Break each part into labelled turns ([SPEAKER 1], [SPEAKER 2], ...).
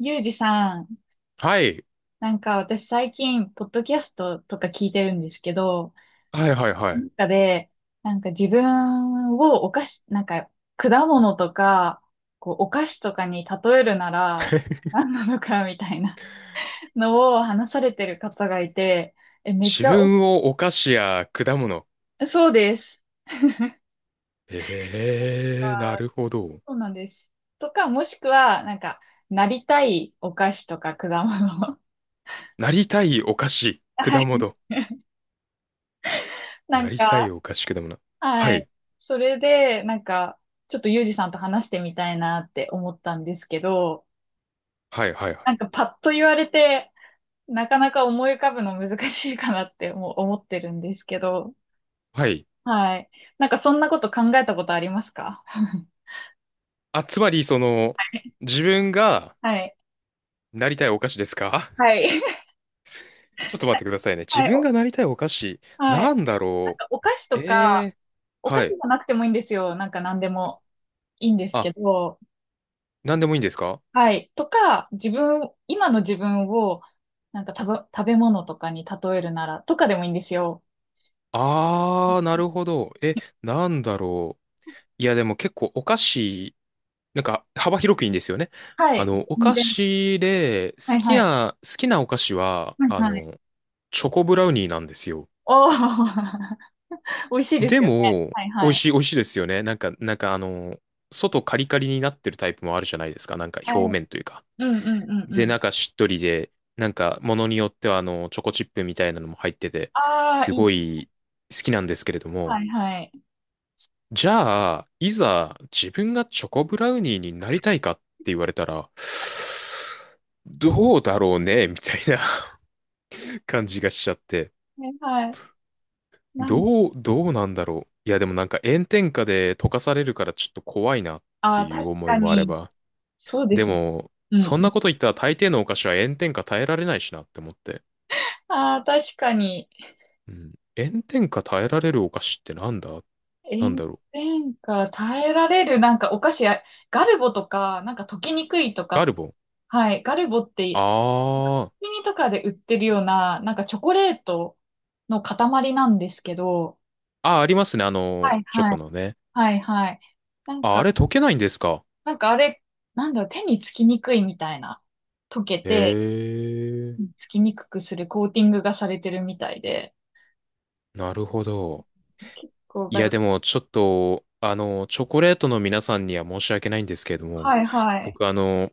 [SPEAKER 1] ゆうじさん、
[SPEAKER 2] はい。
[SPEAKER 1] なんか私最近、ポッドキャストとか聞いてるんですけど、
[SPEAKER 2] はいはいは
[SPEAKER 1] その
[SPEAKER 2] い。
[SPEAKER 1] 中で、なんか自分をお菓子、なんか果物とか、こうお菓子とかに例えるなら、何なのかみたいなのを話されてる方がいて、え、めっ
[SPEAKER 2] 自
[SPEAKER 1] ちゃ
[SPEAKER 2] 分をお菓子や果物。
[SPEAKER 1] お、そうです。あ
[SPEAKER 2] ええー、な
[SPEAKER 1] ー
[SPEAKER 2] るほど。
[SPEAKER 1] そうなんです。とか、もしくは、なんか、なりたいお菓子とか果物。
[SPEAKER 2] なりたいお菓子、
[SPEAKER 1] は
[SPEAKER 2] 果
[SPEAKER 1] い。
[SPEAKER 2] 物。
[SPEAKER 1] な
[SPEAKER 2] な
[SPEAKER 1] ん
[SPEAKER 2] りたい
[SPEAKER 1] か、
[SPEAKER 2] お菓子、果物。は
[SPEAKER 1] はい。
[SPEAKER 2] い。
[SPEAKER 1] それで、なんか、ちょっとユージさんと話してみたいなって思ったんですけど、
[SPEAKER 2] はいはいはい。
[SPEAKER 1] なんかパッと言われて、なかなか思い浮かぶの難しいかなってもう思ってるんですけど、
[SPEAKER 2] はい。
[SPEAKER 1] はい。なんかそんなこと考えたことありますか？
[SPEAKER 2] あ、つまり、その、自分が
[SPEAKER 1] はい。
[SPEAKER 2] なりたいお菓子ですか？
[SPEAKER 1] はい。
[SPEAKER 2] ちょっと待っ てくださいね。自
[SPEAKER 1] はい。
[SPEAKER 2] 分
[SPEAKER 1] お
[SPEAKER 2] がなりたいお菓子、
[SPEAKER 1] はい。
[SPEAKER 2] なんだ
[SPEAKER 1] なん
[SPEAKER 2] ろ
[SPEAKER 1] かお菓子
[SPEAKER 2] う。
[SPEAKER 1] と
[SPEAKER 2] え
[SPEAKER 1] か、
[SPEAKER 2] え
[SPEAKER 1] お
[SPEAKER 2] ー、
[SPEAKER 1] 菓
[SPEAKER 2] は
[SPEAKER 1] 子じ
[SPEAKER 2] い。
[SPEAKER 1] ゃなくてもいいんですよ。なんか何でもいいんです
[SPEAKER 2] あ、
[SPEAKER 1] けど、
[SPEAKER 2] なんでもいいんですか？
[SPEAKER 1] はい。とか、自分、今の自分を、なんか食べ物とかに例えるなら、とかでもいいんですよ。
[SPEAKER 2] あー、なるほど。え、なんだろう。いや、でも結構お菓子、なんか幅広くいいんですよね。
[SPEAKER 1] は
[SPEAKER 2] あ
[SPEAKER 1] い。
[SPEAKER 2] の、お
[SPEAKER 1] 全
[SPEAKER 2] 菓
[SPEAKER 1] 然。
[SPEAKER 2] 子で、
[SPEAKER 1] はい
[SPEAKER 2] 好き
[SPEAKER 1] はい。
[SPEAKER 2] な、好きなお菓子は、
[SPEAKER 1] はい
[SPEAKER 2] あ
[SPEAKER 1] はい。
[SPEAKER 2] の、チョコブラウニーなんですよ。
[SPEAKER 1] おー、美味しいで
[SPEAKER 2] で
[SPEAKER 1] すよね。
[SPEAKER 2] も、
[SPEAKER 1] はい
[SPEAKER 2] 美
[SPEAKER 1] は
[SPEAKER 2] 味
[SPEAKER 1] い。
[SPEAKER 2] しい、美味しいですよね。なんか、あの、外カリカリになってるタイプもあるじゃないですか。なんか
[SPEAKER 1] は
[SPEAKER 2] 表
[SPEAKER 1] い。
[SPEAKER 2] 面というか。
[SPEAKER 1] うんうんうんう
[SPEAKER 2] で、
[SPEAKER 1] ん。
[SPEAKER 2] なんかしっとりで、なんかものによってはあの、チョコチップみたいなのも入ってて、
[SPEAKER 1] あ
[SPEAKER 2] す
[SPEAKER 1] あ、い
[SPEAKER 2] ご
[SPEAKER 1] い。
[SPEAKER 2] い好きなんですけれども、
[SPEAKER 1] はいはい。
[SPEAKER 2] じゃあ、いざ自分がチョコブラウニーになりたいかって言われたら、どうだろうね みたいな 感じがしちゃって。
[SPEAKER 1] はいはい。なん、
[SPEAKER 2] どうなんだろう。いや、でもなんか炎天下で溶かされるからちょっと怖いなっ
[SPEAKER 1] あ
[SPEAKER 2] て
[SPEAKER 1] あ、
[SPEAKER 2] い
[SPEAKER 1] 確
[SPEAKER 2] う思い
[SPEAKER 1] か
[SPEAKER 2] もあれ
[SPEAKER 1] に。
[SPEAKER 2] ば。
[SPEAKER 1] そうで
[SPEAKER 2] で
[SPEAKER 1] すね。
[SPEAKER 2] も、
[SPEAKER 1] うん
[SPEAKER 2] そん
[SPEAKER 1] う
[SPEAKER 2] な
[SPEAKER 1] ん。
[SPEAKER 2] こと言ったら大抵のお菓子は炎天下耐えられないしなって思って。
[SPEAKER 1] ああ、確かに。
[SPEAKER 2] うん。炎天下耐えられるお菓子ってなんだ、なん
[SPEAKER 1] 炎
[SPEAKER 2] だろう。
[SPEAKER 1] 天下耐えられる、なんかお菓子や、ガルボとか、なんか溶けにくいと
[SPEAKER 2] ガ
[SPEAKER 1] か、
[SPEAKER 2] ルボン。
[SPEAKER 1] はい。ガルボって
[SPEAKER 2] あー。
[SPEAKER 1] コンビニとかで売ってるような、なんかチョコレートの塊なんですけど、
[SPEAKER 2] あー、ありますね。あの、
[SPEAKER 1] はい
[SPEAKER 2] チョ
[SPEAKER 1] は
[SPEAKER 2] コ
[SPEAKER 1] い。
[SPEAKER 2] のね。
[SPEAKER 1] はいはい。なん
[SPEAKER 2] あ、あれ
[SPEAKER 1] か、
[SPEAKER 2] 溶けないんですか？
[SPEAKER 1] なんかあれ、なんだろう、手につきにくいみたいな、溶け
[SPEAKER 2] へ
[SPEAKER 1] て、
[SPEAKER 2] え、
[SPEAKER 1] つきにくくするコーティングがされてるみたいで、
[SPEAKER 2] なるほど。
[SPEAKER 1] 結構
[SPEAKER 2] い
[SPEAKER 1] が
[SPEAKER 2] や、
[SPEAKER 1] る。
[SPEAKER 2] でも、ちょっと、あの、チョコレートの皆さんには申し訳ないんですけれども、
[SPEAKER 1] はいはい。
[SPEAKER 2] 僕、あの、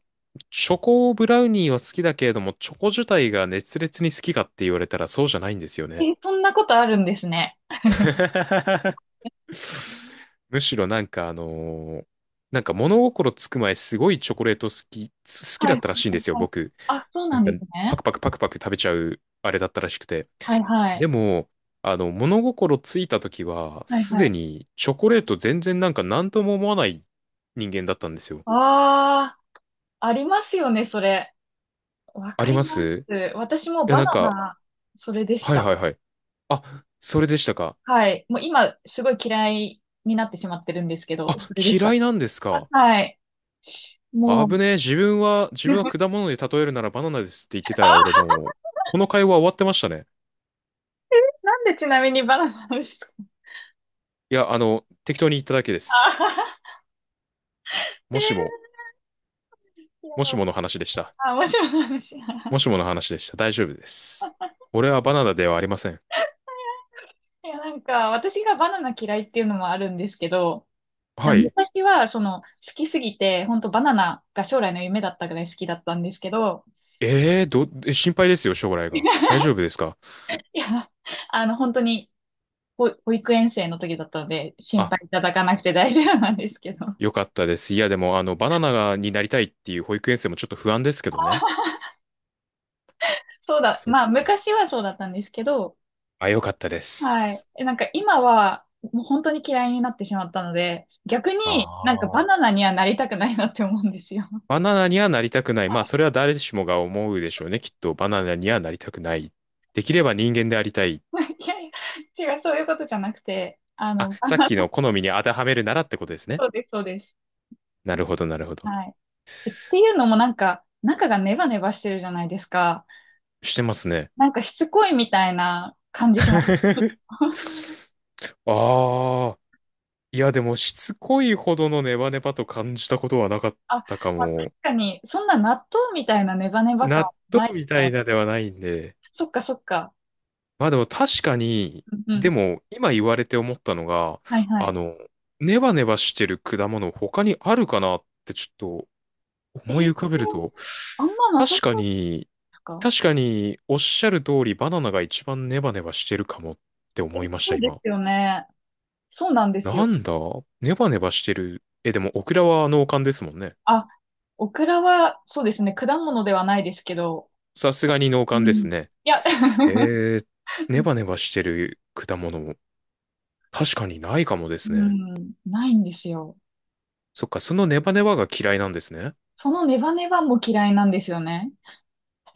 [SPEAKER 2] チョコブラウニーは好きだけれども、チョコ自体が熱烈に好きかって言われたらそうじゃないんですよね。
[SPEAKER 1] え、そんなことあるんですね。
[SPEAKER 2] むしろなんかなんか物心つく前すごいチョコレート好き、好き
[SPEAKER 1] は
[SPEAKER 2] だ
[SPEAKER 1] いは
[SPEAKER 2] っ
[SPEAKER 1] い
[SPEAKER 2] たらしいん
[SPEAKER 1] は
[SPEAKER 2] で
[SPEAKER 1] い
[SPEAKER 2] すよ、
[SPEAKER 1] はい。
[SPEAKER 2] 僕。
[SPEAKER 1] あ、そう
[SPEAKER 2] な
[SPEAKER 1] な
[SPEAKER 2] ん
[SPEAKER 1] ん
[SPEAKER 2] か
[SPEAKER 1] です
[SPEAKER 2] パ
[SPEAKER 1] ね。
[SPEAKER 2] クパクパクパク食べちゃうあれだったらしくて。
[SPEAKER 1] はいは
[SPEAKER 2] で
[SPEAKER 1] い。
[SPEAKER 2] も、あの、物心ついた時は、
[SPEAKER 1] はい
[SPEAKER 2] す
[SPEAKER 1] は
[SPEAKER 2] で
[SPEAKER 1] い。
[SPEAKER 2] にチョコレート全然なんか何とも思わない人間だったんですよ。
[SPEAKER 1] ああ、ありますよね、それ。わ
[SPEAKER 2] あ
[SPEAKER 1] か
[SPEAKER 2] り
[SPEAKER 1] り
[SPEAKER 2] ま
[SPEAKER 1] ま
[SPEAKER 2] す。
[SPEAKER 1] す。私も
[SPEAKER 2] いや、
[SPEAKER 1] バ
[SPEAKER 2] なん
[SPEAKER 1] ナ
[SPEAKER 2] か、
[SPEAKER 1] ナ、それでし
[SPEAKER 2] はい
[SPEAKER 1] た。
[SPEAKER 2] はいはい。あ、それでしたか。
[SPEAKER 1] はい。もう今、すごい嫌いになってしまってるんですけど、
[SPEAKER 2] あ、
[SPEAKER 1] それでし
[SPEAKER 2] 嫌
[SPEAKER 1] た。
[SPEAKER 2] いなんですか。
[SPEAKER 1] はい。もう、
[SPEAKER 2] 危ねえ、自分は 果物で例えるならバナナですって言ってたら、俺
[SPEAKER 1] あ、
[SPEAKER 2] もう、この会話終わってましたね。
[SPEAKER 1] なんでちなみにバナナなんですか？
[SPEAKER 2] いや、あの、適当に言っただけです。
[SPEAKER 1] あー
[SPEAKER 2] もしも、
[SPEAKER 1] えーいや、
[SPEAKER 2] もしもの話でした。
[SPEAKER 1] あ、面白い話。い
[SPEAKER 2] もしもの話でした。大丈夫です。俺はバナナではありません。
[SPEAKER 1] や、なんか、私がバナナ嫌いっていうのもあるんですけど、
[SPEAKER 2] はい。
[SPEAKER 1] 昔は、その、好きすぎて、本当バナナが将来の夢だったぐらい好きだったんですけど、
[SPEAKER 2] ええー、ど、え、心配ですよ、将来が。大 丈夫ですか？
[SPEAKER 1] いや、あの、本当に、保育園生の時だったので、心
[SPEAKER 2] あ、
[SPEAKER 1] 配いただかなくて大丈夫なんですけど。
[SPEAKER 2] よかったです。いや、でも、あの、バナナになりたいっていう保育園生もちょっと不安ですけどね。
[SPEAKER 1] そうだ、
[SPEAKER 2] そっ
[SPEAKER 1] まあ、
[SPEAKER 2] か、
[SPEAKER 1] 昔はそうだったんですけど、
[SPEAKER 2] あ、よかったで
[SPEAKER 1] はい。
[SPEAKER 2] す。
[SPEAKER 1] えなんか今は、もう本当に嫌いになってしまったので、逆
[SPEAKER 2] あ
[SPEAKER 1] になんかバ
[SPEAKER 2] あ。
[SPEAKER 1] ナナにはなりたくないなって思うんですよ。
[SPEAKER 2] バナナにはなりたくない。まあ、それは誰しもが思うでしょうね。きっと、バナナにはなりたくない。できれば人間でありたい。
[SPEAKER 1] いやいや、違う、そういうことじゃなくて、あ
[SPEAKER 2] あ、
[SPEAKER 1] の、
[SPEAKER 2] さっ
[SPEAKER 1] あ、
[SPEAKER 2] きの好みに当てはめるならってことですね。
[SPEAKER 1] そうです、そうです。
[SPEAKER 2] なるほど、なるほど。
[SPEAKER 1] はい。えっていうのもなんか、中がネバネバしてるじゃないですか。
[SPEAKER 2] してますね。
[SPEAKER 1] なんかしつこいみたいな感じします。
[SPEAKER 2] ああ、いやでもしつこいほどのネバネバと感じたことはなかっ
[SPEAKER 1] あ、
[SPEAKER 2] たか
[SPEAKER 1] まあ、確
[SPEAKER 2] も。
[SPEAKER 1] かに、そんな納豆みたいなネバネバ感は
[SPEAKER 2] 納
[SPEAKER 1] な
[SPEAKER 2] 豆
[SPEAKER 1] い
[SPEAKER 2] みた
[SPEAKER 1] か
[SPEAKER 2] いなではないんで。
[SPEAKER 1] そっかそっか。
[SPEAKER 2] まあでも確かに、
[SPEAKER 1] うんう
[SPEAKER 2] で
[SPEAKER 1] ん。
[SPEAKER 2] も今言われて思ったのが、
[SPEAKER 1] はいは
[SPEAKER 2] あ
[SPEAKER 1] い。
[SPEAKER 2] の、ネバネバしてる果物他にあるかなってちょっと
[SPEAKER 1] え
[SPEAKER 2] 思い
[SPEAKER 1] ー
[SPEAKER 2] 浮かべると、
[SPEAKER 1] あんまなさ
[SPEAKER 2] 確か
[SPEAKER 1] そうで
[SPEAKER 2] に、
[SPEAKER 1] すか
[SPEAKER 2] 確かにおっしゃる通りバナナが一番ネバネバしてるかもって
[SPEAKER 1] え、
[SPEAKER 2] 思いました
[SPEAKER 1] そうで
[SPEAKER 2] 今。
[SPEAKER 1] すよね。そうなんです
[SPEAKER 2] な
[SPEAKER 1] よ。
[SPEAKER 2] んだ、ネバネバしてる。え、でもオクラは農家ですもんね。
[SPEAKER 1] あ、オクラは、そうですね、果物ではないですけど、
[SPEAKER 2] さすがに農
[SPEAKER 1] う
[SPEAKER 2] 館で
[SPEAKER 1] ん。
[SPEAKER 2] す
[SPEAKER 1] い
[SPEAKER 2] ね。
[SPEAKER 1] や、
[SPEAKER 2] え ー、ネバネバしてる果物も確かにないかもで
[SPEAKER 1] う
[SPEAKER 2] すね。
[SPEAKER 1] ん、ないんですよ。
[SPEAKER 2] そっか、そのネバネバが嫌いなんですね。
[SPEAKER 1] そのネバネバも嫌いなんですよね。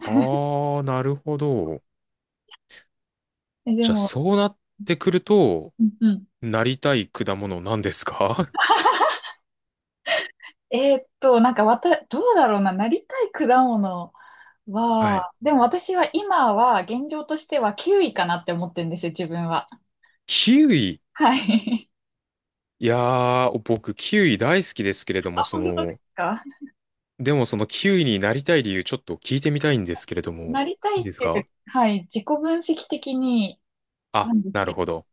[SPEAKER 2] あー、なるほど。
[SPEAKER 1] え、で
[SPEAKER 2] じゃあ、
[SPEAKER 1] も、
[SPEAKER 2] そうなってくると、
[SPEAKER 1] うんうん。
[SPEAKER 2] なりたい果物なんですか？
[SPEAKER 1] えーっと、なんかわた、どうだろうな、なりたい果物。わ
[SPEAKER 2] はい。
[SPEAKER 1] あ、でも私は今は現状としては9位かなって思ってるんですよ、自分は。
[SPEAKER 2] キウイ。
[SPEAKER 1] はい。
[SPEAKER 2] いやー、僕、キウイ大好きですけれど も、
[SPEAKER 1] あ、
[SPEAKER 2] そ
[SPEAKER 1] 本当です
[SPEAKER 2] の、
[SPEAKER 1] か？
[SPEAKER 2] でもそのキウイになりたい理由ちょっと聞いてみたいんですけれども、
[SPEAKER 1] なりた
[SPEAKER 2] い
[SPEAKER 1] い
[SPEAKER 2] い
[SPEAKER 1] っ
[SPEAKER 2] です
[SPEAKER 1] ていう
[SPEAKER 2] か？
[SPEAKER 1] か、はい、自己分析的にな
[SPEAKER 2] あ、
[SPEAKER 1] んです
[SPEAKER 2] なる
[SPEAKER 1] けど、
[SPEAKER 2] ほど。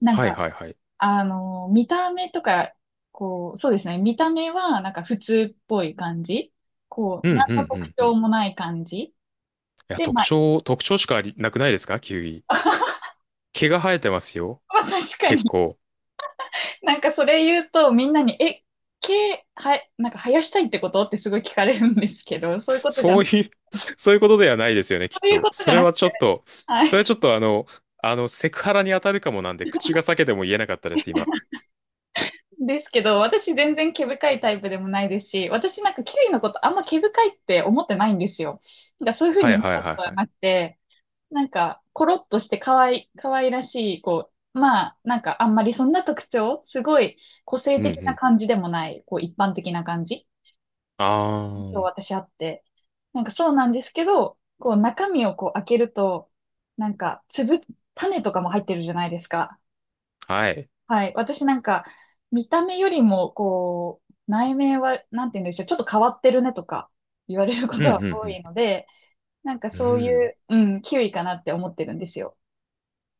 [SPEAKER 1] なん
[SPEAKER 2] はい
[SPEAKER 1] か、
[SPEAKER 2] はいはい。
[SPEAKER 1] あの、見た目とか、こう、そうですね、見た目はなんか普通っぽい感じ。こ
[SPEAKER 2] うん
[SPEAKER 1] う、
[SPEAKER 2] うん
[SPEAKER 1] 何
[SPEAKER 2] う
[SPEAKER 1] の特
[SPEAKER 2] んう
[SPEAKER 1] 徴
[SPEAKER 2] ん。
[SPEAKER 1] もない感じ。
[SPEAKER 2] いや、
[SPEAKER 1] で、
[SPEAKER 2] 特
[SPEAKER 1] まあ、
[SPEAKER 2] 徴、特徴しかありなくないですかキウイ。毛が生えてますよ。
[SPEAKER 1] まあ確か
[SPEAKER 2] 結
[SPEAKER 1] に、
[SPEAKER 2] 構。
[SPEAKER 1] なんかそれ言うとみんなに、え、毛、は、なんか生やしたいってことってすごい聞かれるんですけど、そういうことじゃ
[SPEAKER 2] そういう そういうことではないですよね、き
[SPEAKER 1] そ
[SPEAKER 2] っ
[SPEAKER 1] ういう
[SPEAKER 2] と。
[SPEAKER 1] ことじ
[SPEAKER 2] そ
[SPEAKER 1] ゃ
[SPEAKER 2] れ
[SPEAKER 1] なく
[SPEAKER 2] はちょ
[SPEAKER 1] て、
[SPEAKER 2] っと、
[SPEAKER 1] は
[SPEAKER 2] それは
[SPEAKER 1] い。
[SPEAKER 2] ちょっとあの、あの、セクハラに当たるかもなんで、口が裂けても言えなかったです、今。
[SPEAKER 1] ですけど、私全然毛深いタイプでもないですし、私なんかキウイのことあんま毛深いって思ってないんですよ。なんかそういうふう
[SPEAKER 2] は
[SPEAKER 1] に
[SPEAKER 2] い
[SPEAKER 1] 見
[SPEAKER 2] はい
[SPEAKER 1] たこ
[SPEAKER 2] はい
[SPEAKER 1] とは
[SPEAKER 2] はい。
[SPEAKER 1] なくて、なんかコロッとして可愛い、可愛らしい、こう、まあなんかあんまりそんな特徴、すごい個性
[SPEAKER 2] うんう
[SPEAKER 1] 的な
[SPEAKER 2] ん。
[SPEAKER 1] 感じでもない、こう一般的な感じ、
[SPEAKER 2] あ
[SPEAKER 1] 私あって。なんかそうなんですけど、こう中身をこう開けると、なんか粒、種とかも入ってるじゃないですか。
[SPEAKER 2] あ、はい。
[SPEAKER 1] はい。私なんか、見た目よりも、こう、内面は、なんて言うんでしょう、ちょっと変わってるねとか言われるこ
[SPEAKER 2] うん
[SPEAKER 1] と
[SPEAKER 2] う
[SPEAKER 1] は多
[SPEAKER 2] ん
[SPEAKER 1] いので、なんか
[SPEAKER 2] うん。う
[SPEAKER 1] そうい
[SPEAKER 2] ん。
[SPEAKER 1] う、うん、キウイかなって思ってるんですよ。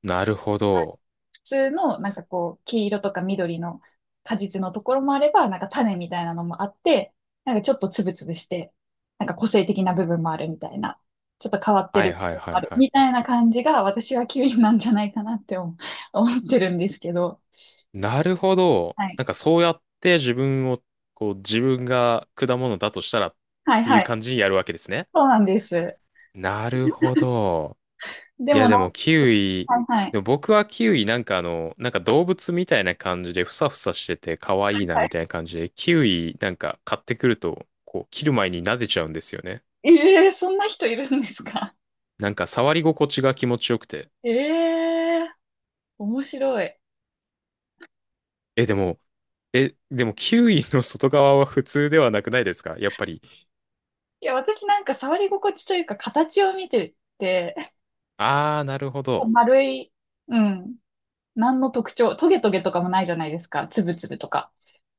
[SPEAKER 2] なるほど。
[SPEAKER 1] 普通の、なんかこう、黄色とか緑の果実のところもあれば、なんか種みたいなのもあって、なんかちょっとつぶつぶして、なんか個性的な部分もあるみたいな、ちょっと変わって
[SPEAKER 2] は
[SPEAKER 1] る
[SPEAKER 2] いは
[SPEAKER 1] 部分
[SPEAKER 2] い
[SPEAKER 1] も
[SPEAKER 2] は
[SPEAKER 1] あ
[SPEAKER 2] い
[SPEAKER 1] る
[SPEAKER 2] は
[SPEAKER 1] み
[SPEAKER 2] い。
[SPEAKER 1] たいな感じが、私はキウイなんじゃないかなって思ってるんですけど、
[SPEAKER 2] なるほど。
[SPEAKER 1] はい。
[SPEAKER 2] なんかそうやって自分を、こう、自分が果物だとしたらっ
[SPEAKER 1] はい
[SPEAKER 2] てい
[SPEAKER 1] は
[SPEAKER 2] う
[SPEAKER 1] い。
[SPEAKER 2] 感じにやるわけですね。
[SPEAKER 1] そうなんです。
[SPEAKER 2] なるほど。
[SPEAKER 1] で
[SPEAKER 2] いや、
[SPEAKER 1] もな
[SPEAKER 2] でもキウイ、
[SPEAKER 1] んか、はい
[SPEAKER 2] でも僕はキウイなんかあの、なんか動物みたいな感じでふさふさしてて可愛いな
[SPEAKER 1] は
[SPEAKER 2] み
[SPEAKER 1] い。
[SPEAKER 2] たいな感じで、キウイなんか買ってくると、こう、切る前に撫でちゃうんですよね。
[SPEAKER 1] ええそんな人いるんですか？
[SPEAKER 2] なんか触り心地が気持ちよくて。
[SPEAKER 1] ええ面白い。
[SPEAKER 2] え、でも、え、でもキウイの外側は普通ではなくないですかやっぱり。
[SPEAKER 1] いや、私なんか触り心地というか形を見てて、
[SPEAKER 2] あー、なるほど。
[SPEAKER 1] 丸い、うん、何の特徴、トゲトゲとかもないじゃないですか。つぶつぶとか。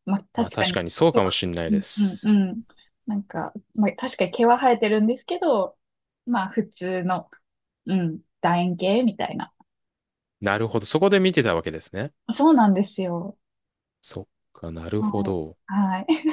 [SPEAKER 1] まあ、
[SPEAKER 2] まあ
[SPEAKER 1] 確か
[SPEAKER 2] 確
[SPEAKER 1] に、
[SPEAKER 2] かにそう
[SPEAKER 1] 毛
[SPEAKER 2] かも
[SPEAKER 1] は
[SPEAKER 2] しんない
[SPEAKER 1] うん
[SPEAKER 2] で
[SPEAKER 1] うん
[SPEAKER 2] す。
[SPEAKER 1] うん。なんか、まあ、確かに毛は生えてるんですけど、まあ、普通の、うん、楕円形みたいな。
[SPEAKER 2] なるほど。そこで見てたわけですね。
[SPEAKER 1] そうなんですよ。
[SPEAKER 2] そっか、なるほ
[SPEAKER 1] は
[SPEAKER 2] ど。
[SPEAKER 1] い。はい。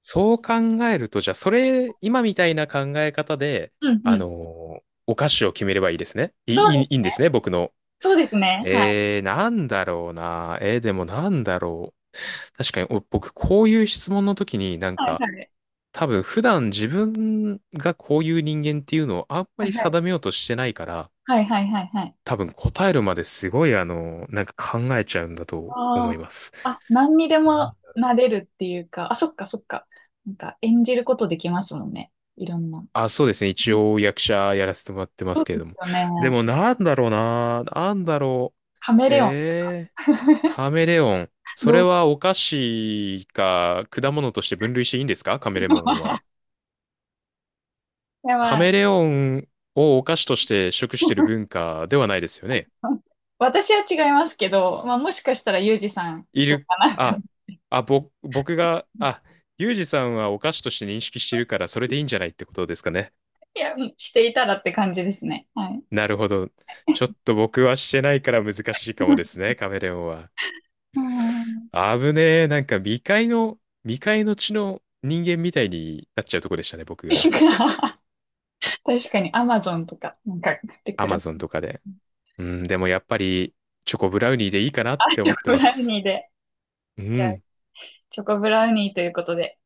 [SPEAKER 2] そう考えると、じゃあ、それ、今みたいな考え方で、
[SPEAKER 1] うんう
[SPEAKER 2] あ
[SPEAKER 1] ん。
[SPEAKER 2] のーお菓子を決めればいいですね。いい、
[SPEAKER 1] そう、
[SPEAKER 2] いいいいんですね、僕の。
[SPEAKER 1] そうですね。はい。
[SPEAKER 2] えー、なんだろうな。えー、でもなんだろう。確かに、お僕、こういう質問の時になん
[SPEAKER 1] はい
[SPEAKER 2] か、
[SPEAKER 1] はい。
[SPEAKER 2] 多分、普段自分がこういう人間っていうのをあんま
[SPEAKER 1] はい
[SPEAKER 2] り
[SPEAKER 1] は
[SPEAKER 2] 定
[SPEAKER 1] い。
[SPEAKER 2] めようとしてないから、
[SPEAKER 1] はいはいはいはいはいはいはい
[SPEAKER 2] 多分答えるまですごい、あのなんか考えちゃうんだと
[SPEAKER 1] あ
[SPEAKER 2] 思い
[SPEAKER 1] あ。
[SPEAKER 2] ます。
[SPEAKER 1] あ、何にでもなれるっていうか、あ、そっかそっか。なんか演じることできますもんね。いろんな。
[SPEAKER 2] あ、そうですね。
[SPEAKER 1] う
[SPEAKER 2] 一
[SPEAKER 1] ん
[SPEAKER 2] 応役者やらせてもらってま
[SPEAKER 1] そ
[SPEAKER 2] す
[SPEAKER 1] う
[SPEAKER 2] けれ
[SPEAKER 1] です
[SPEAKER 2] ども。
[SPEAKER 1] よね。
[SPEAKER 2] でもなんだろうな。なんだろ
[SPEAKER 1] カメ
[SPEAKER 2] う。
[SPEAKER 1] レオン。
[SPEAKER 2] えー、カメレオン。そ
[SPEAKER 1] ど
[SPEAKER 2] れ
[SPEAKER 1] う
[SPEAKER 2] はお菓子か果物として分類していいんですかカメレオンは。
[SPEAKER 1] いや
[SPEAKER 2] カ
[SPEAKER 1] まあ、
[SPEAKER 2] メレオンをお菓子として食してる文化ではないですよね。
[SPEAKER 1] 私は違いますけど、まあもしかしたらユージさん
[SPEAKER 2] い
[SPEAKER 1] どう
[SPEAKER 2] る、
[SPEAKER 1] かなと。
[SPEAKER 2] あ、あ、ぼ、僕が、あ、ユージさんはお菓子として認識してるからそれでいいんじゃないってことですかね。
[SPEAKER 1] いや、していたらって感じですね。はい。
[SPEAKER 2] なるほど。ちょっと僕はしてないから難しいかもですね、カメレオンは。
[SPEAKER 1] うん。
[SPEAKER 2] 危ねえ。なんか未開の地の人間みたいになっちゃうとこでしたね、僕がね。
[SPEAKER 1] 確かにアマゾンとか、なんか、で、
[SPEAKER 2] ア
[SPEAKER 1] 暮ら
[SPEAKER 2] マゾン
[SPEAKER 1] す。
[SPEAKER 2] とかで。うん、でもやっぱり、チョコブラウニーでいいかなっ
[SPEAKER 1] あ、
[SPEAKER 2] て
[SPEAKER 1] ち
[SPEAKER 2] 思
[SPEAKER 1] ょ
[SPEAKER 2] って
[SPEAKER 1] ブ
[SPEAKER 2] ま
[SPEAKER 1] ラウニ
[SPEAKER 2] す。
[SPEAKER 1] ーで。
[SPEAKER 2] うん。
[SPEAKER 1] チョコブラウニーということで。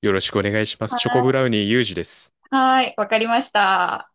[SPEAKER 2] よろしくお願いします。チョコブラウニーユージです。
[SPEAKER 1] はーい、わかりました。